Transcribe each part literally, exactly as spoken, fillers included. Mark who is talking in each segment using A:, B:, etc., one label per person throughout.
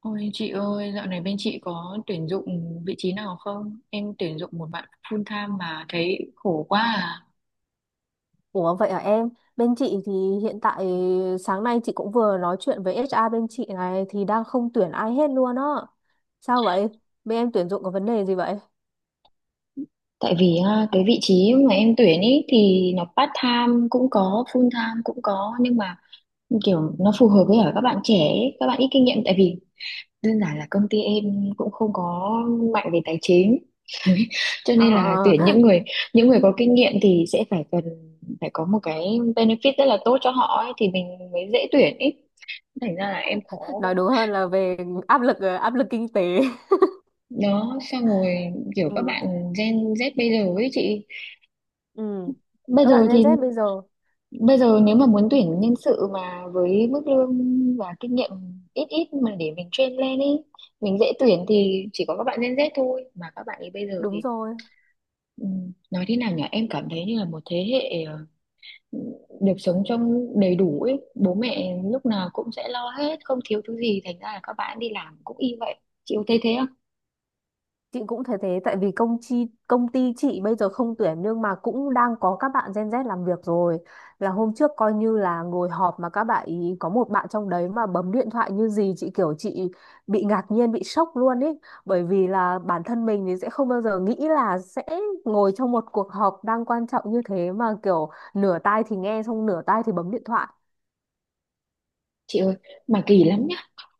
A: Ôi chị ơi, dạo này bên chị có tuyển dụng vị trí nào không? Em tuyển dụng một bạn full time mà thấy khổ quá à.
B: Ủa vậy à em? Bên chị thì hiện tại sáng nay chị cũng vừa nói chuyện với hát rờ bên chị này thì đang không tuyển ai hết luôn á. Sao vậy? Bên em tuyển dụng có vấn đề gì vậy?
A: Tại vì à, cái vị trí mà em tuyển ý thì nó part time cũng có, full time cũng có, nhưng mà kiểu nó phù hợp với ở các bạn trẻ, ấy, các bạn ít kinh nghiệm, tại vì đơn giản là công ty em cũng không có mạnh về tài chính. Cho nên là
B: Ờ,
A: tuyển những người những người có kinh nghiệm thì sẽ phải cần phải có một cái benefit rất là tốt cho họ ấy, thì mình mới dễ tuyển ý. Thành ra là em khó quá.
B: nói đúng hơn là về áp lực áp lực kinh tế.
A: Đó, xong rồi kiểu các
B: Ừ,
A: bạn Gen Z bây giờ ấy chị,
B: ừ,
A: bây
B: các
A: giờ
B: bạn Gen
A: thì
B: Z bây giờ
A: bây giờ nếu mà muốn tuyển nhân sự mà với mức lương và kinh nghiệm ít ít mà để mình train lên ấy, mình dễ tuyển thì chỉ có các bạn Gen Z thôi, mà các bạn ấy bây giờ
B: đúng
A: thì
B: rồi.
A: ừ, nói thế nào nhỉ, em cảm thấy như là một thế hệ ờ, được sống trong đầy đủ ấy, bố mẹ lúc nào cũng sẽ lo hết, không thiếu thứ gì, thành ra là các bạn đi làm cũng y vậy. Chị có thấy thế không?
B: Chị cũng thấy thế tại vì công ty công ty chị bây giờ không tuyển nhưng mà cũng đang có các bạn Gen Z làm việc rồi. Là hôm trước coi như là ngồi họp mà các bạn ý có một bạn trong đấy mà bấm điện thoại như gì chị kiểu chị bị ngạc nhiên bị sốc luôn ý bởi vì là bản thân mình thì sẽ không bao giờ nghĩ là sẽ ngồi trong một cuộc họp đang quan trọng như thế mà kiểu nửa tai thì nghe xong nửa tai thì bấm điện thoại.
A: Chị ơi, mà kỳ lắm nhá,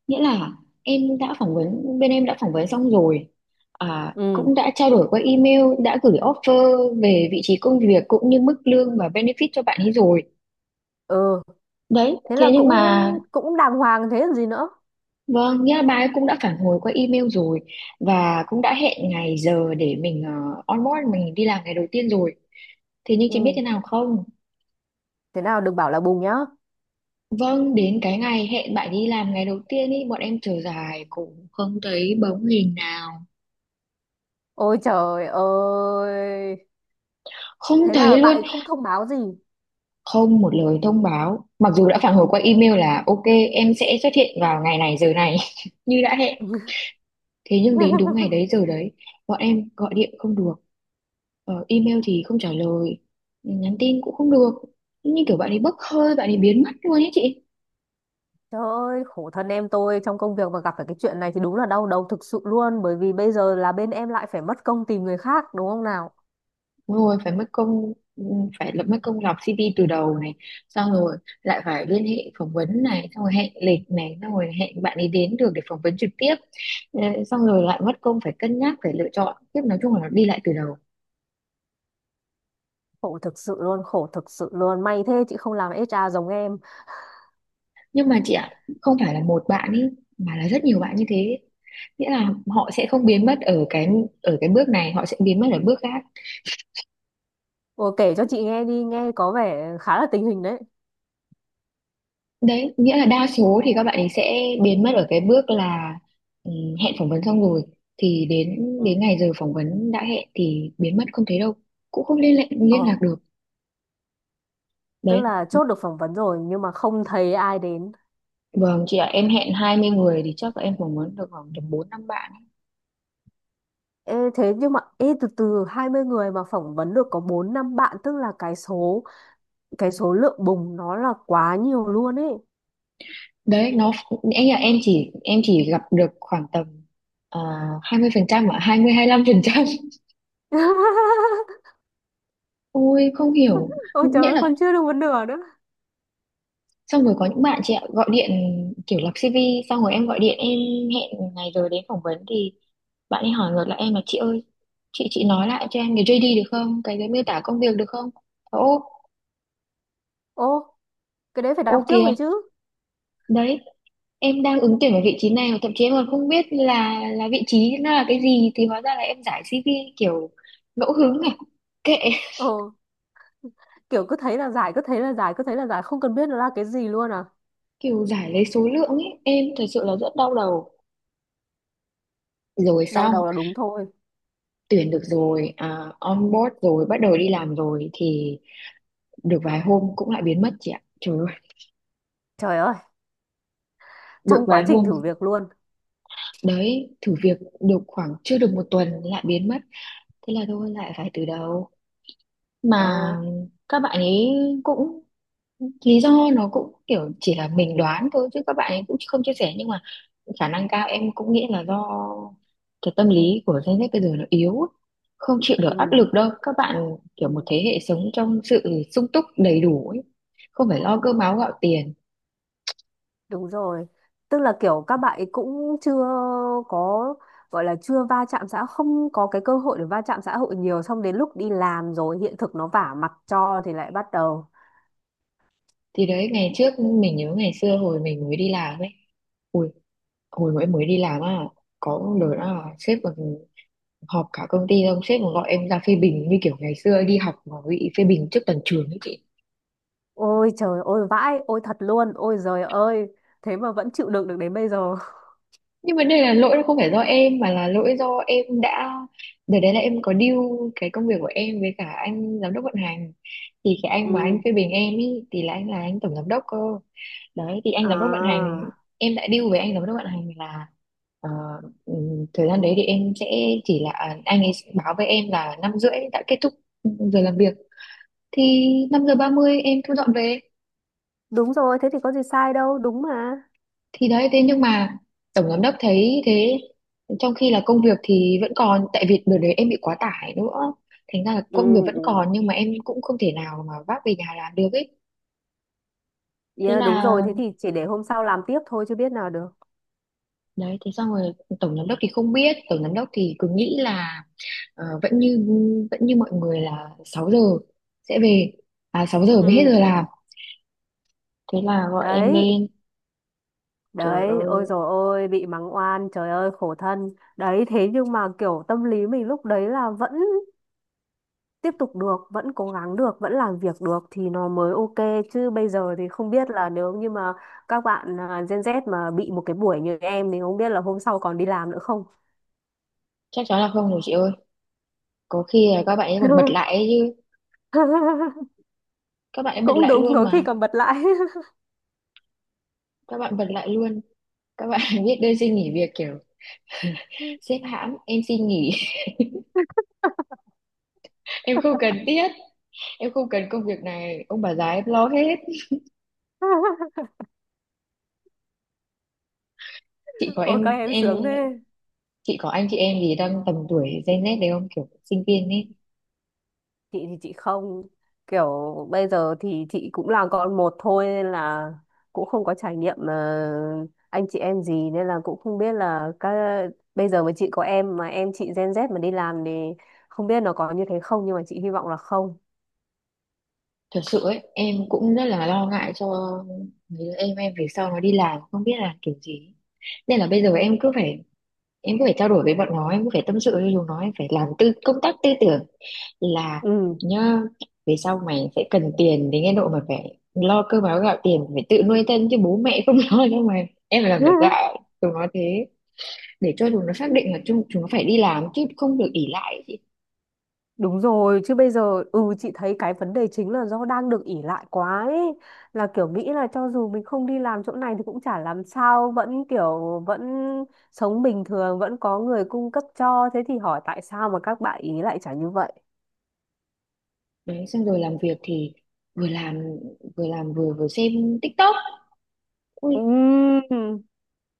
A: nghĩa là em đã phỏng vấn, bên em đã phỏng vấn xong rồi à,
B: Ừ,
A: cũng đã trao đổi qua email, đã gửi offer về vị trí công việc cũng như mức lương và benefit cho bạn ấy rồi.
B: ừ,
A: Đấy,
B: thế là
A: thế nhưng
B: cũng
A: mà
B: cũng đàng hoàng thế còn gì nữa.
A: vâng, nghĩa là bà ấy cũng đã phản hồi qua email rồi, và cũng đã hẹn ngày giờ để mình uh, onboard, mình đi làm ngày đầu tiên rồi. Thế nhưng chị biết
B: Ừ,
A: thế nào không?
B: thế nào đừng bảo là bùng nhá.
A: Vâng, đến cái ngày hẹn bạn đi làm ngày đầu tiên ý, bọn em chờ dài cũng không thấy bóng hình nào,
B: Ôi trời ơi.
A: không
B: Thế
A: thấy
B: là bạn
A: luôn.
B: ấy không thông báo gì.
A: Không một lời thông báo, mặc dù đã phản hồi qua email là ok, em sẽ xuất hiện vào ngày này giờ này như đã hẹn. Thế nhưng đến đúng ngày đấy giờ đấy, bọn em gọi điện không được, ờ, email thì không trả lời, nhắn tin cũng không được, như kiểu bạn ấy bốc hơi, bạn ấy biến mất luôn ấy chị.
B: Trời ơi, khổ thân em tôi, trong công việc mà gặp phải cái chuyện này thì đúng là đau đầu thực sự luôn, bởi vì bây giờ là bên em lại phải mất công tìm người khác đúng không nào?
A: Đúng rồi, phải mất công. Ừ, phải lập, mất công lọc xê vê từ đầu này, xong rồi lại phải liên hệ phỏng vấn này, xong rồi hẹn lịch này, xong rồi hẹn bạn ấy đến được để phỏng vấn trực tiếp. Ờ, xong rồi lại mất công phải cân nhắc, phải lựa chọn tiếp, nói chung là nó đi lại từ đầu.
B: Khổ thực sự luôn, khổ thực sự luôn. May thế chị không làm hát rờ giống em.
A: Nhưng mà chị ạ, không phải là một bạn ấy, mà là rất nhiều bạn như thế. Nghĩa là họ sẽ không biến mất ở cái ở cái bước này, họ sẽ biến mất ở bước khác.
B: Ồ, kể cho chị nghe đi, nghe có vẻ khá là tình hình đấy.
A: Đấy, nghĩa là đa số thì các bạn ấy sẽ biến mất ở cái bước là ừ, hẹn phỏng vấn xong rồi thì đến đến
B: Ừ.
A: ngày giờ phỏng vấn đã hẹn thì biến mất không thấy đâu, cũng không liên lạc
B: Ồ,
A: liên lạc được.
B: tức
A: Đấy,
B: là chốt được phỏng vấn rồi nhưng mà không thấy ai đến.
A: vâng, chị ạ, em hẹn hai mươi người thì chắc là em phỏng vấn được khoảng tầm bốn năm bạn.
B: Ê, thế nhưng mà ê, từ từ, hai mươi người mà phỏng vấn được có bốn năm bạn, tức là cái số cái số lượng bùng nó là quá nhiều luôn ấy.
A: Đấy, nó, em nghĩ là em chỉ em chỉ gặp được khoảng tầm à, hai mươi à, hai mươi phần trăm ạ, hai mươi hai lăm phần trăm. Ôi không hiểu,
B: Ôi trời
A: nghĩa
B: ơi,
A: là
B: còn chưa được một nửa nữa.
A: xong rồi có những bạn chị ạ, gọi điện kiểu lập si vi xong rồi em gọi điện, em hẹn ngày rồi đến phỏng vấn thì bạn ấy hỏi ngược lại em là chị ơi, chị chị nói lại cho em cái gi đê được không, cái cái miêu tả công việc được không. Ô,
B: Ô, cái đấy phải
A: ô
B: đọc trước
A: kìa,
B: rồi chứ.
A: đấy, em đang ứng tuyển ở vị trí này mà thậm chí em còn không biết là là vị trí nó là cái gì, thì hóa ra là em giải xê vê kiểu ngẫu hứng này, kệ,
B: ờ kiểu cứ thấy là giải, cứ thấy là giải, cứ thấy là giải, không cần biết nó là cái gì luôn à.
A: kiểu giải lấy số lượng ấy. Em thật sự là rất đau đầu. Rồi
B: Đau
A: xong,
B: đầu là đúng thôi.
A: tuyển được rồi à, on board rồi, bắt đầu đi làm rồi thì được vài hôm cũng lại biến mất chị ạ, trời ơi.
B: Trời ơi,
A: Được
B: trong quá
A: vài
B: trình
A: hôm
B: thử việc luôn.
A: Đấy, thử việc được khoảng chưa được một tuần lại biến mất. Thế là thôi lại phải từ đầu.
B: ờ
A: Mà các bạn ấy cũng, lý do nó cũng kiểu chỉ là mình đoán thôi chứ các bạn ấy cũng không chia sẻ, nhưng mà khả năng cao em cũng nghĩ là do cái tâm lý của Gen Z bây giờ nó yếu ấy. Không chịu được
B: ừ,
A: áp lực đâu, các bạn
B: ừ,
A: kiểu một thế hệ sống trong sự sung túc đầy đủ ấy, không phải lo cơm áo gạo tiền.
B: đúng rồi, tức là kiểu các bạn ấy cũng chưa có gọi là chưa va chạm xã, không có cái cơ hội để va chạm xã hội nhiều, xong đến lúc đi làm rồi hiện thực nó vả mặt cho thì lại bắt đầu.
A: Thì đấy, ngày trước mình nhớ ngày xưa hồi mình mới đi làm ấy, ui, hồi mà em mới đi làm á, có lần là sếp còn họp cả công ty xong sếp còn gọi em ra phê bình như kiểu ngày xưa đi học mà bị phê bình trước toàn trường ấy chị.
B: Ôi trời ôi vãi, ôi thật luôn, ôi giời ơi, thế mà vẫn chịu đựng được đến bây giờ.
A: Nhưng mà đây là lỗi nó không phải do em, mà là lỗi do em đã, đợt đấy là em có deal cái công việc của em với cả anh giám đốc vận hành, thì cái anh mà anh
B: Ừ.
A: phê bình em ý thì là anh, là anh tổng giám đốc cơ. Đấy, thì anh giám đốc vận hành,
B: À,
A: em đã deal với anh giám đốc vận hành là ờ, ừm, thời gian đấy thì em sẽ chỉ là, à, anh ấy báo với em là năm rưỡi đã kết thúc giờ làm việc, thì năm giờ ba mươi em thu dọn về.
B: đúng rồi, thế thì có gì sai đâu, đúng mà.
A: Thì đấy, thế nhưng mà tổng giám đốc thấy thế, trong khi là công việc thì vẫn còn, tại vì đợt đấy em bị quá tải nữa, thành ra là
B: Ừ,
A: công việc vẫn
B: ừ.
A: còn nhưng mà em cũng không thể nào mà vác về nhà làm được ấy. Thế
B: Yeah, đúng
A: là
B: rồi, thế thì chỉ để hôm sau làm tiếp thôi chứ biết nào được.
A: đấy, thế xong rồi, tổng giám đốc thì không biết, tổng giám đốc thì cứ nghĩ là ờ, vẫn như vẫn như mọi người là sáu giờ sẽ về, à sáu giờ mới hết
B: Ừ.
A: giờ làm. Thế là gọi em
B: Đấy,
A: lên. Trời
B: đấy, ôi
A: ơi,
B: rồi ôi, bị mắng oan, trời ơi khổ thân. Đấy, thế nhưng mà kiểu tâm lý mình lúc đấy là vẫn tiếp tục được, vẫn cố gắng được, vẫn làm việc được thì nó mới ok, chứ bây giờ thì không biết là nếu như mà các bạn à, Gen Z mà bị một cái buổi như em thì không biết là hôm sau còn đi làm nữa không.
A: chắc chắn là không rồi chị ơi, có khi là các bạn ấy còn bật lại ấy chứ. Các bạn ấy bật
B: Cũng
A: lại
B: đúng,
A: luôn
B: có khi
A: mà,
B: còn bật lại.
A: các bạn bật lại luôn, các bạn biết đơn xin nghỉ việc kiểu sếp hãm em xin nghỉ, em không cần thiết, em không cần công việc này, ông bà già em lo hết. chị có
B: Ôi các
A: em
B: em
A: em
B: sướng thế.
A: chị có anh chị em gì đang tầm tuổi Gen Z đấy không, kiểu sinh viên ấy?
B: Chị thì chị không, kiểu bây giờ thì chị cũng là con một thôi nên là cũng không có trải nghiệm ờ, anh chị em gì, nên là cũng không biết là các, bây giờ mà chị có em mà em chị Gen Z mà đi làm thì không biết nó có như thế không, nhưng mà chị hy vọng là không.
A: Thật sự ấy, em cũng rất là lo ngại cho mấy đứa em em về sau nó đi làm không biết là kiểu gì. Nên là bây giờ em cứ phải, em cứ phải trao đổi với bọn nó, em cứ phải tâm sự với chúng nó, em phải làm tư, công tác tư tưởng là
B: Ừ.
A: nhá, về sau mày sẽ cần tiền đến cái độ mà phải lo cơm áo gạo tiền, phải tự nuôi thân chứ bố mẹ không lo đâu mày. Em phải làm, phải gạo chúng nó thế để cho chúng nó xác định là chúng, chúng nó phải đi làm chứ không được ỷ lại ấy chị.
B: Đúng rồi, chứ bây giờ ừ chị thấy cái vấn đề chính là do đang được ỷ lại quá ấy. Là kiểu nghĩ là cho dù mình không đi làm chỗ này thì cũng chả làm sao, vẫn kiểu vẫn sống bình thường, vẫn có người cung cấp cho. Thế thì hỏi tại sao mà các bạn ý lại chả như vậy?
A: Đấy, xong rồi làm việc thì vừa làm vừa làm vừa vừa xem TikTok. Ui,
B: Ừm.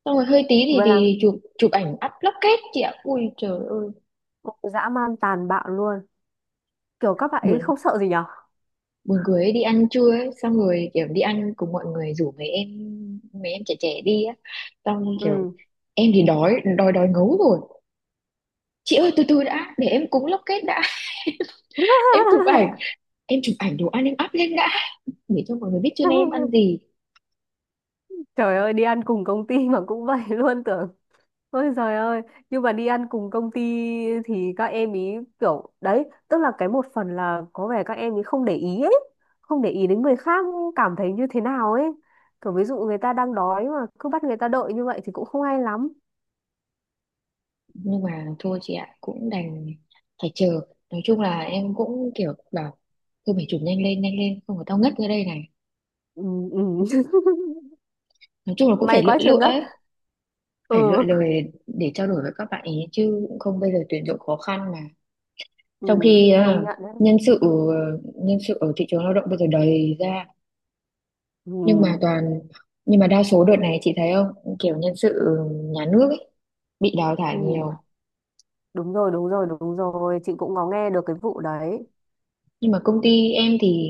A: xong rồi hơi tí thì
B: Vừa là
A: thì chụp, chụp ảnh up lóc kết chị ạ, ui trời ơi,
B: dã man tàn bạo luôn. Kiểu các bạn ấy
A: buồn
B: không sợ gì nhở?
A: buồn cười ấy. Đi ăn trưa ấy, xong rồi kiểu đi ăn cùng mọi người, rủ mấy em, mấy em trẻ trẻ đi á, xong kiểu
B: Ừ.
A: em thì đói, đói đói ngấu rồi. Chị ơi, từ từ đã để em cúng lóc kết đã, em chụp ảnh, em chụp ảnh đồ ăn em up lên đã, để cho mọi người biết trên em ăn gì.
B: Trời ơi, đi ăn cùng công ty mà cũng vậy luôn tưởng. Ôi giời ơi, nhưng mà đi ăn cùng công ty thì các em ý kiểu đấy, tức là cái một phần là có vẻ các em ý không để ý ấy, không để ý đến người khác cảm thấy như thế nào ấy. Kiểu ví dụ người ta đang đói mà cứ bắt người ta đợi như vậy thì cũng không hay lắm.
A: Nhưng mà thôi chị ạ, cũng đành phải chờ, nói chung là em cũng kiểu bảo thôi mày chụp nhanh lên, nhanh lên, không có tao ngất ra đây này.
B: Ừ, ừ.
A: Nói chung là cũng phải
B: May
A: lựa
B: quá chưa
A: lựa
B: ngất.
A: ấy, phải lựa
B: Ừ,
A: lời để trao đổi với các bạn ý, chứ không bây giờ tuyển dụng khó khăn mà.
B: ừ,
A: Trong khi
B: công
A: à,
B: nhận đấy.
A: nhân sự ờ, nhân sự ở thị trường lao động bây giờ đầy ra,
B: Ừ,
A: nhưng mà toàn, nhưng mà đa số đợt này chị thấy không, kiểu nhân sự nhà nước ấy, bị đào thải
B: ừ,
A: nhiều.
B: đúng rồi, đúng rồi, đúng rồi, chị cũng có nghe được cái vụ đấy.
A: Nhưng mà công ty em thì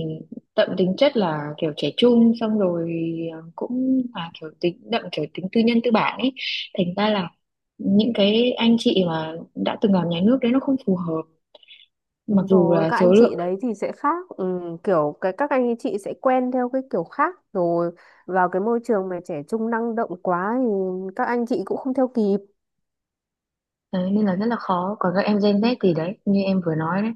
A: đậm tính chất là kiểu trẻ trung, xong rồi à, cũng là kiểu tính đậm, kiểu tính tư nhân tư bản ấy, thành ra là những cái anh chị mà đã từng làm nhà nước đấy nó không phù hợp, mặc
B: Đúng
A: dù
B: rồi,
A: là
B: các
A: số
B: anh chị
A: lượng.
B: đấy thì sẽ khác, ừ, kiểu cái các anh chị sẽ quen theo cái kiểu khác rồi, vào cái môi trường mà trẻ trung năng động quá thì các anh chị cũng không theo kịp.
A: Đấy, nên là rất là khó. Còn các em Gen Z thì đấy, như em vừa nói đấy,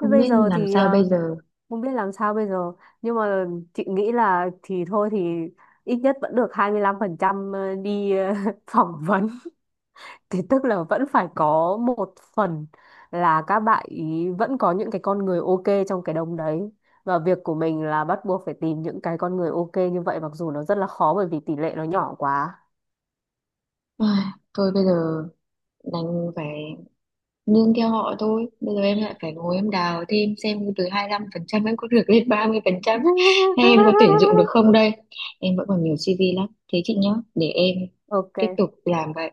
B: Thế bây
A: biết
B: giờ
A: làm
B: thì
A: sao bây
B: ờ,
A: giờ.
B: không biết làm sao bây giờ, nhưng mà chị nghĩ là thì thôi thì ít nhất vẫn được hai mươi lăm phần trăm ờ, đi ờ, phỏng vấn. Thì tức là vẫn phải có một phần là các bạn ý vẫn có những cái con người ok trong cái đống đấy. Và việc của mình là bắt buộc phải tìm những cái con người ok như vậy, mặc dù nó rất là khó bởi vì tỷ lệ nó nhỏ quá.
A: Ai, thôi bây giờ đành phải nương theo họ thôi. Bây giờ em lại phải ngồi em đào thêm xem từ hai mươi lăm phần trăm em có được lên ba mươi phần trăm, hay em có tuyển dụng được không đây. Em vẫn còn nhiều si vi lắm. Thế chị nhá, để em
B: Ok.
A: tiếp tục làm vậy.